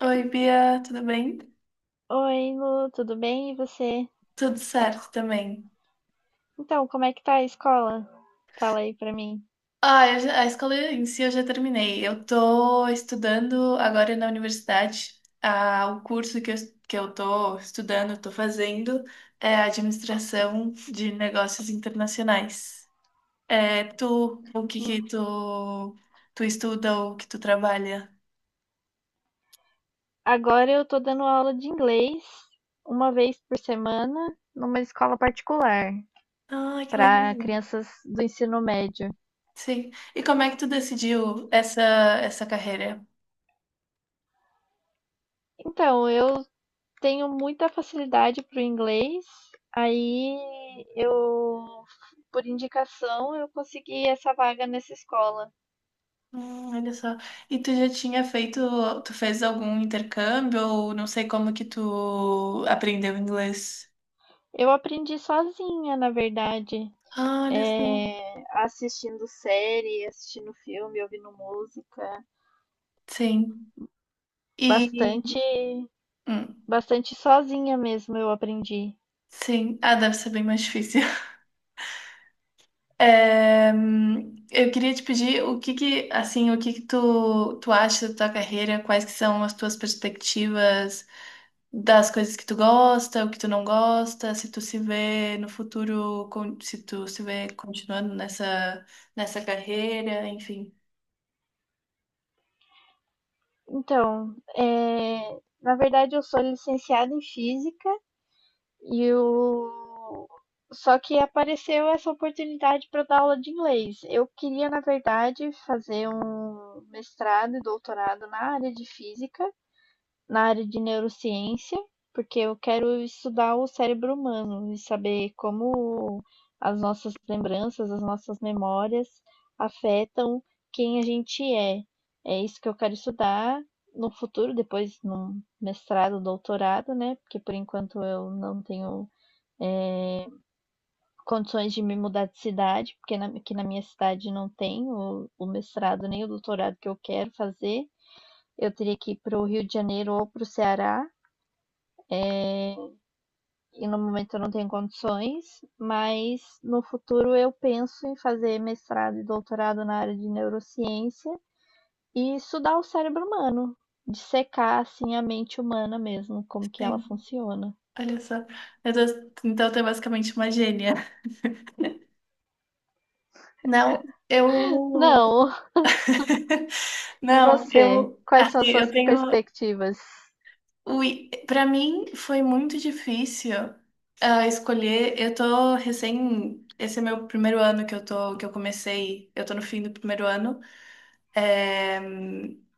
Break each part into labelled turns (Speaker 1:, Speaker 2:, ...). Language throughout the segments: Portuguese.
Speaker 1: Oi, Bia, tudo bem?
Speaker 2: Oi, Lu, tudo bem? E você?
Speaker 1: Tudo certo também.
Speaker 2: Então, como é que tá a escola? Fala aí pra mim.
Speaker 1: Ah, a escola em si eu já terminei. Eu tô estudando agora na universidade. Ah, o curso que eu tô estudando, tô fazendo, é administração de negócios internacionais. É, tu, o que que tu estuda ou que tu trabalha?
Speaker 2: Agora eu tô dando aula de inglês uma vez por semana numa escola particular
Speaker 1: Ah, que
Speaker 2: para
Speaker 1: legal.
Speaker 2: crianças do ensino médio.
Speaker 1: Sim. E como é que tu decidiu essa carreira?
Speaker 2: Então, eu tenho muita facilidade para o inglês, aí eu, por indicação, eu consegui essa vaga nessa escola.
Speaker 1: Olha só. E tu já tinha feito, tu fez algum intercâmbio ou não sei como que tu aprendeu inglês?
Speaker 2: Eu aprendi sozinha, na verdade.
Speaker 1: Ah, olha só.
Speaker 2: É, assistindo série, assistindo filme, ouvindo música.
Speaker 1: Sim. E
Speaker 2: Bastante,
Speaker 1: hum,
Speaker 2: bastante sozinha mesmo eu aprendi.
Speaker 1: sim. Ah, deve ser bem mais difícil. É, eu queria te pedir o que que, assim, o que que tu acha da tua carreira, quais que são as tuas perspectivas, das coisas que tu gosta, o que tu não gosta, se tu se vê no futuro, se tu se vê continuando nessa carreira, enfim.
Speaker 2: Então, na verdade eu sou licenciada em física e eu, só que apareceu essa oportunidade para dar aula de inglês. Eu queria, na verdade, fazer um mestrado e doutorado na área de física, na área de neurociência, porque eu quero estudar o cérebro humano e saber como as nossas lembranças, as nossas memórias afetam quem a gente é. É isso que eu quero estudar no futuro, depois num mestrado, doutorado, né? Porque por enquanto eu não tenho condições de me mudar de cidade, porque aqui na minha cidade não tem o mestrado nem o doutorado que eu quero fazer. Eu teria que ir para o Rio de Janeiro ou para o Ceará, e no momento eu não tenho condições, mas no futuro eu penso em fazer mestrado e doutorado na área de neurociência e estudar o cérebro humano, dissecar assim a mente humana mesmo, como que ela
Speaker 1: Sim,
Speaker 2: funciona.
Speaker 1: olha só. Então tu é basicamente uma gênia. Não, eu.
Speaker 2: Não. E
Speaker 1: Não,
Speaker 2: você?
Speaker 1: eu.
Speaker 2: Quais são as
Speaker 1: Assim, eu
Speaker 2: suas
Speaker 1: tenho.
Speaker 2: perspectivas?
Speaker 1: Ui, pra mim foi muito difícil ah, escolher. Eu tô recém. Esse é meu primeiro ano que eu tô, que eu comecei. Eu tô no fim do primeiro ano. eh,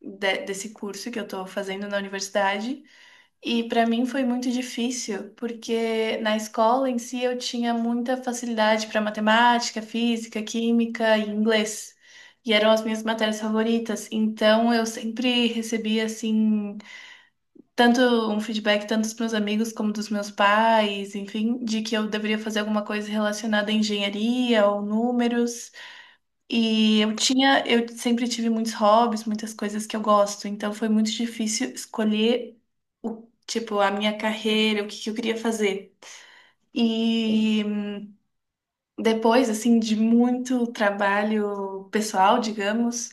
Speaker 1: desse curso que eu estou fazendo na universidade. E para mim foi muito difícil, porque na escola em si eu tinha muita facilidade para matemática, física, química e inglês. E eram as minhas matérias favoritas. Então eu sempre recebia assim tanto um feedback tanto dos meus amigos como dos meus pais, enfim, de que eu deveria fazer alguma coisa relacionada à engenharia ou números. E eu sempre tive muitos hobbies, muitas coisas que eu gosto, então foi muito difícil escolher o, tipo, a minha carreira, o que que eu queria fazer. E depois, assim, de muito trabalho pessoal, digamos,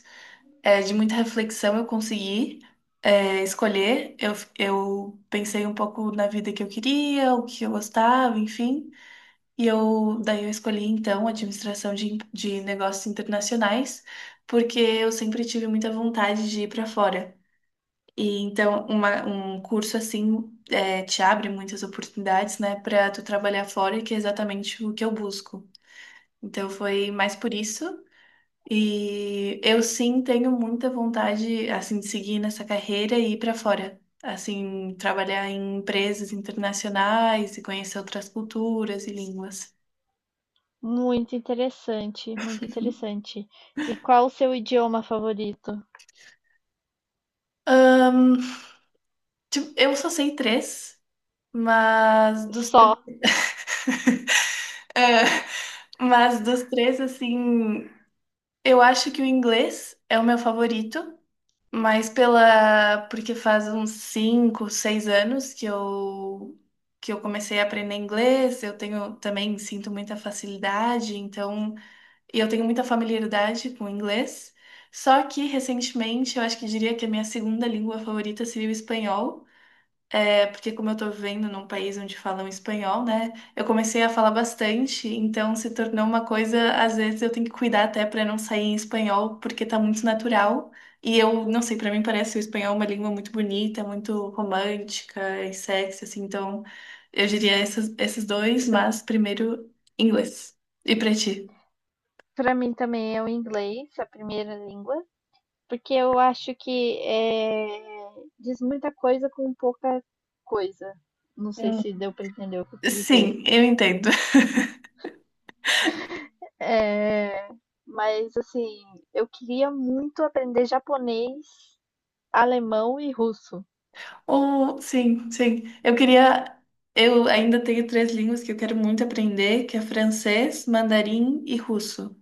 Speaker 1: é, de muita reflexão, eu consegui, é, escolher. Eu pensei um pouco na vida que eu queria, o que eu gostava, enfim. E eu, daí eu escolhi, então, administração de negócios internacionais, porque eu sempre tive muita vontade de ir para fora. E então, um curso assim é, te abre muitas oportunidades, né, para tu trabalhar fora, que é exatamente o que eu busco. Então, foi mais por isso. E eu sim tenho muita vontade, assim, de seguir nessa carreira e ir para fora. Assim, trabalhar em empresas internacionais e conhecer outras culturas e línguas.
Speaker 2: Muito interessante, muito interessante. E qual o seu idioma favorito?
Speaker 1: Tipo, eu só sei três, mas dos três.
Speaker 2: Só.
Speaker 1: É, mas dos três, assim, eu acho que o inglês é o meu favorito, mas pela. Porque faz uns cinco, seis anos que eu. Que eu comecei a aprender inglês, eu tenho também sinto muita facilidade, então e eu tenho muita familiaridade com o inglês. Só que recentemente eu acho que diria que a minha segunda língua favorita seria o espanhol. É porque como eu tô vivendo num país onde falam espanhol, né? Eu comecei a falar bastante, então se tornou uma coisa, às vezes eu tenho que cuidar até para não sair em espanhol, porque tá muito natural. E eu não sei, para mim parece o espanhol uma língua muito bonita, muito romântica e sexy, assim. Então, eu diria esses dois, mas primeiro inglês. E pra ti?
Speaker 2: Para mim também é o inglês, a primeira língua. Porque eu acho que diz muita coisa com pouca coisa. Não sei se
Speaker 1: Hum.
Speaker 2: deu para entender o que eu quis dizer.
Speaker 1: Sim, eu entendo.
Speaker 2: Eh, mas assim, eu queria muito aprender japonês, alemão e russo.
Speaker 1: Oh, sim, sim. Eu queria. Eu ainda tenho três línguas que eu quero muito aprender, que é francês, mandarim e russo.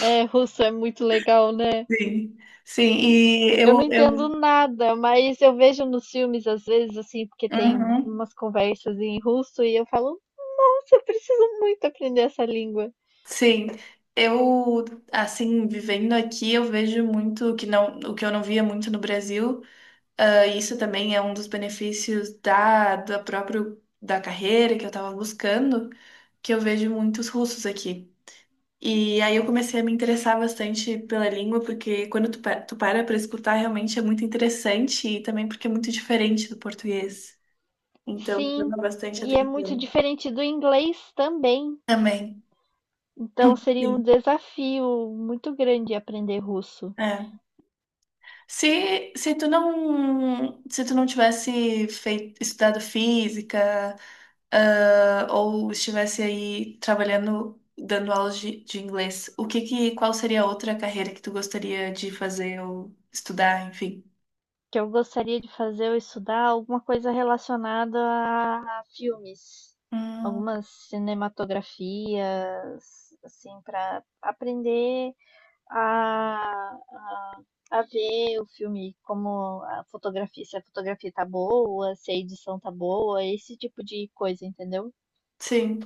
Speaker 2: É, russo é muito legal, né?
Speaker 1: Sim, sim. E
Speaker 2: Eu não entendo nada, mas eu vejo nos filmes às vezes assim, porque tem
Speaker 1: uhum,
Speaker 2: umas conversas em russo e eu falo, nossa, eu preciso muito aprender essa língua.
Speaker 1: sim. Eu, assim, vivendo aqui, eu vejo muito que não, o que eu não via muito no Brasil. Ah, isso também é um dos benefícios da próprio da carreira que eu estava buscando, que eu vejo muitos russos aqui. E aí eu comecei a me interessar bastante pela língua, porque quando tu para escutar, realmente é muito interessante e também porque é muito diferente do português. Então, chama
Speaker 2: Sim,
Speaker 1: bastante
Speaker 2: e é muito
Speaker 1: atenção.
Speaker 2: diferente do inglês também.
Speaker 1: Também.
Speaker 2: Então seria um
Speaker 1: Sim,
Speaker 2: desafio muito grande aprender russo,
Speaker 1: é. Se tu não tivesse feito, estudado física, ah, ou estivesse aí trabalhando, dando aulas de inglês, o que que, qual seria a outra carreira que tu gostaria de fazer ou estudar, enfim?
Speaker 2: que eu gostaria de fazer ou estudar alguma coisa relacionada a filmes,
Speaker 1: Hum,
Speaker 2: algumas cinematografias, assim, para aprender a, a, a ver o filme, como a fotografia, se a fotografia tá boa, se a edição tá boa, esse tipo de coisa, entendeu?
Speaker 1: sim.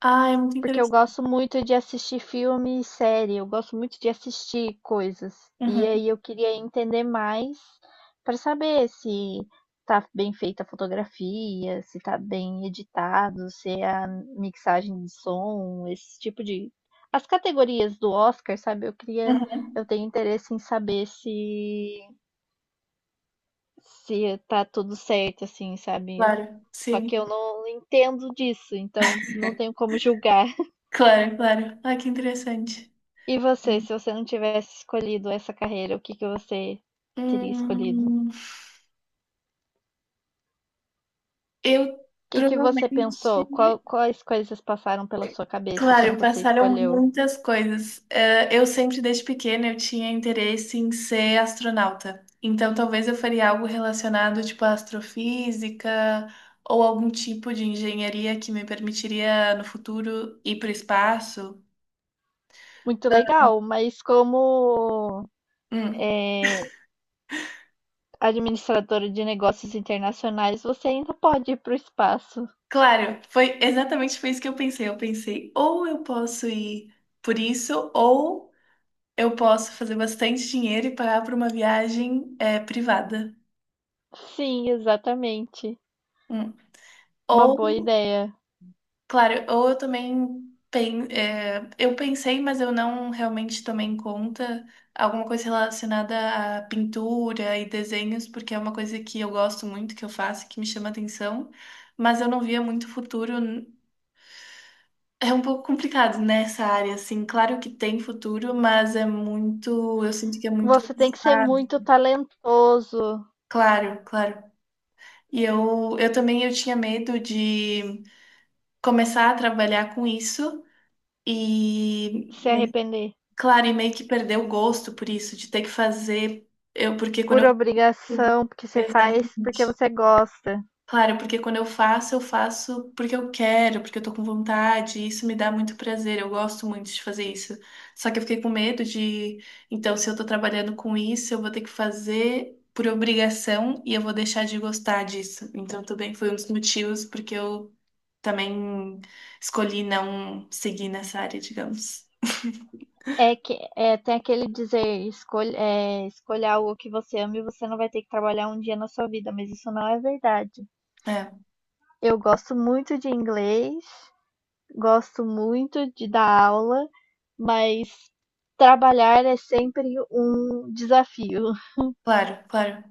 Speaker 1: Ah, é muito
Speaker 2: Porque eu
Speaker 1: interessante.
Speaker 2: gosto muito de assistir filme e série, eu gosto muito de assistir coisas. E
Speaker 1: Uhum,
Speaker 2: aí eu queria entender mais para saber se tá bem feita a fotografia, se tá bem editado, se é a mixagem de som, esse tipo de. As categorias do Oscar, sabe? Eu queria. Eu
Speaker 1: uhum.
Speaker 2: tenho interesse em saber se tá tudo certo, assim, sabe? Eu-
Speaker 1: Claro,
Speaker 2: Só que eu
Speaker 1: sim.
Speaker 2: não entendo disso, então não tenho como julgar.
Speaker 1: Claro, claro. Ah, que interessante.
Speaker 2: E você, se você não tivesse escolhido essa carreira, o que que você teria escolhido? O
Speaker 1: Hum, eu
Speaker 2: que que você pensou? Qual-
Speaker 1: provavelmente.
Speaker 2: quais coisas passaram pela sua cabeça quando
Speaker 1: Claro,
Speaker 2: você
Speaker 1: passaram
Speaker 2: escolheu?
Speaker 1: muitas coisas. Eh, eu sempre, desde pequena, eu tinha interesse em ser astronauta. Então, talvez eu faria algo relacionado, tipo, à astrofísica ou algum tipo de engenharia que me permitiria, no futuro, ir para o espaço.
Speaker 2: Muito legal, mas como
Speaker 1: Hum.
Speaker 2: é, administradora de negócios internacionais, você ainda pode ir para o espaço.
Speaker 1: Claro, foi exatamente foi isso que eu pensei. Eu pensei, ou eu posso ir por isso, ou eu posso fazer bastante dinheiro e pagar por uma viagem é, privada.
Speaker 2: Sim, exatamente.
Speaker 1: Hum.
Speaker 2: Uma boa
Speaker 1: Ou,
Speaker 2: ideia.
Speaker 1: claro, ou eu também eu pensei, mas eu não realmente tomei em conta alguma coisa relacionada à pintura e desenhos, porque é uma coisa que eu gosto muito, que eu faço, que me chama atenção, mas eu não via muito futuro. É um pouco complicado nessa área, assim. Claro que tem futuro, mas é muito. Eu sinto que é muito
Speaker 2: Você tem que ser
Speaker 1: arriscado.
Speaker 2: muito talentoso,
Speaker 1: Claro, claro. E eu também eu tinha medo de começar a trabalhar com isso e,
Speaker 2: se
Speaker 1: meio-
Speaker 2: arrepender
Speaker 1: claro, e meio que perder o gosto por isso, de ter que fazer. Eu, porque quando
Speaker 2: por
Speaker 1: eu.
Speaker 2: obrigação, porque você faz porque
Speaker 1: Exatamente.
Speaker 2: você gosta.
Speaker 1: Claro, porque quando eu faço porque eu quero, porque eu tô com vontade, e isso me dá muito prazer, eu gosto muito de fazer isso. Só que eu fiquei com medo de, então, se eu tô trabalhando com isso, eu vou ter que fazer por obrigação e eu vou deixar de gostar disso. Então, também foi um dos motivos porque eu também escolhi não seguir nessa área, digamos.
Speaker 2: Tem aquele dizer, escolha, escolha algo que você ama e você não vai ter que trabalhar um dia na sua vida, mas isso não é verdade.
Speaker 1: É,
Speaker 2: Eu gosto muito de inglês, gosto muito de dar aula, mas trabalhar é sempre um desafio.
Speaker 1: claro, claro.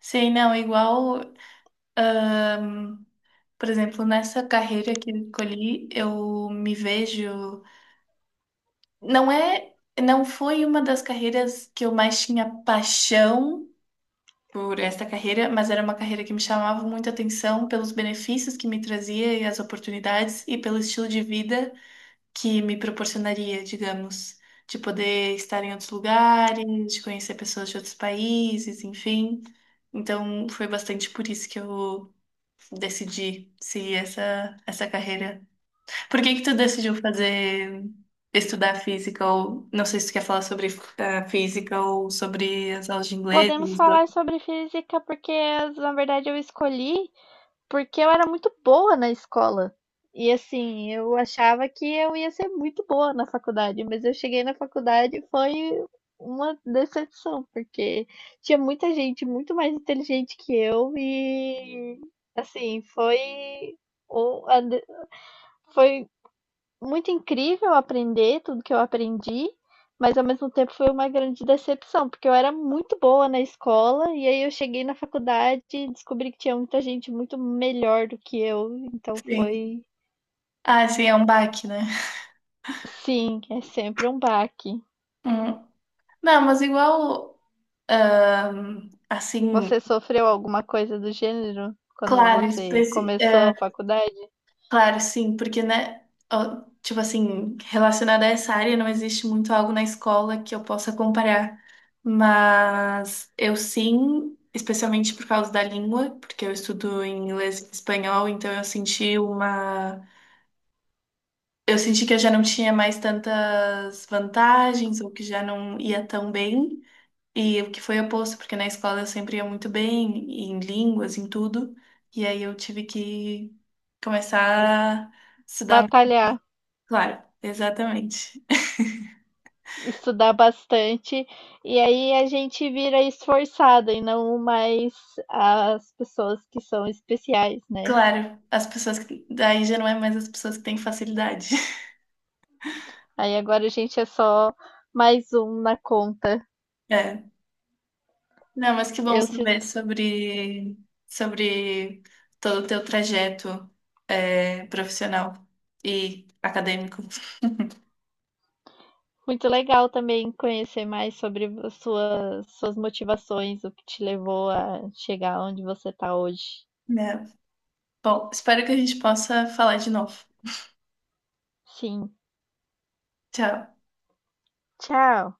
Speaker 1: Sei, não, é igual, por exemplo, nessa carreira que eu escolhi, eu me vejo. Não é, não foi uma das carreiras que eu mais tinha paixão por esta carreira, mas era uma carreira que me chamava muita atenção pelos benefícios que me trazia e as oportunidades e pelo estilo de vida que me proporcionaria, digamos, de poder estar em outros lugares, de conhecer pessoas de outros países, enfim. Então, foi bastante por isso que eu decidi seguir essa carreira. Por que que tu decidiu fazer estudar física ou não sei se tu quer falar sobre eh, física ou sobre as aulas de inglês?
Speaker 2: Podemos
Speaker 1: Os dois.
Speaker 2: falar sobre física porque, na verdade, eu escolhi porque eu era muito boa na escola. E assim, eu achava que eu ia ser muito boa na faculdade, mas eu cheguei na faculdade e foi uma decepção, porque tinha muita gente muito mais inteligente que eu e assim, foi o- a de- foi muito incrível aprender tudo que eu aprendi, mas ao mesmo tempo foi uma grande decepção, porque eu era muito boa na escola e aí eu cheguei na faculdade e descobri que tinha muita gente muito melhor do que eu, então
Speaker 1: Sim.
Speaker 2: foi,
Speaker 1: Ah, sim, é um baque, né?
Speaker 2: sim, é sempre um baque.
Speaker 1: Hum. Não, mas igual assim,
Speaker 2: Você sofreu alguma coisa do gênero quando
Speaker 1: claro,
Speaker 2: você
Speaker 1: específico.
Speaker 2: começou a faculdade?
Speaker 1: Claro, sim, porque, né, ó, tipo assim, relacionada a essa área, não existe muito algo na escola que eu possa comparar. Mas eu sim, especialmente por causa da língua, porque eu estudo em inglês e espanhol, então eu senti uma. Eu senti que eu já não tinha mais tantas vantagens, ou que já não ia tão bem. E o que foi oposto, porque na escola eu sempre ia muito bem, em línguas, em tudo. E aí eu tive que começar a estudar.
Speaker 2: Batalhar,
Speaker 1: Claro, exatamente.
Speaker 2: estudar bastante, e aí a gente vira esforçada e não mais as pessoas que são especiais, né?
Speaker 1: Claro, as pessoas que. Daí já não é mais as pessoas que têm facilidade.
Speaker 2: Aí agora a gente é só mais um na conta.
Speaker 1: É. Não, mas que bom
Speaker 2: Eu sinto
Speaker 1: saber sobre, sobre todo o teu trajeto é, profissional e acadêmico.
Speaker 2: muito legal também conhecer mais sobre as suas motivações, o que te levou a chegar onde você está hoje.
Speaker 1: Né? Bom, espero que a gente possa falar de novo.
Speaker 2: Sim,
Speaker 1: Tchau.
Speaker 2: tchau!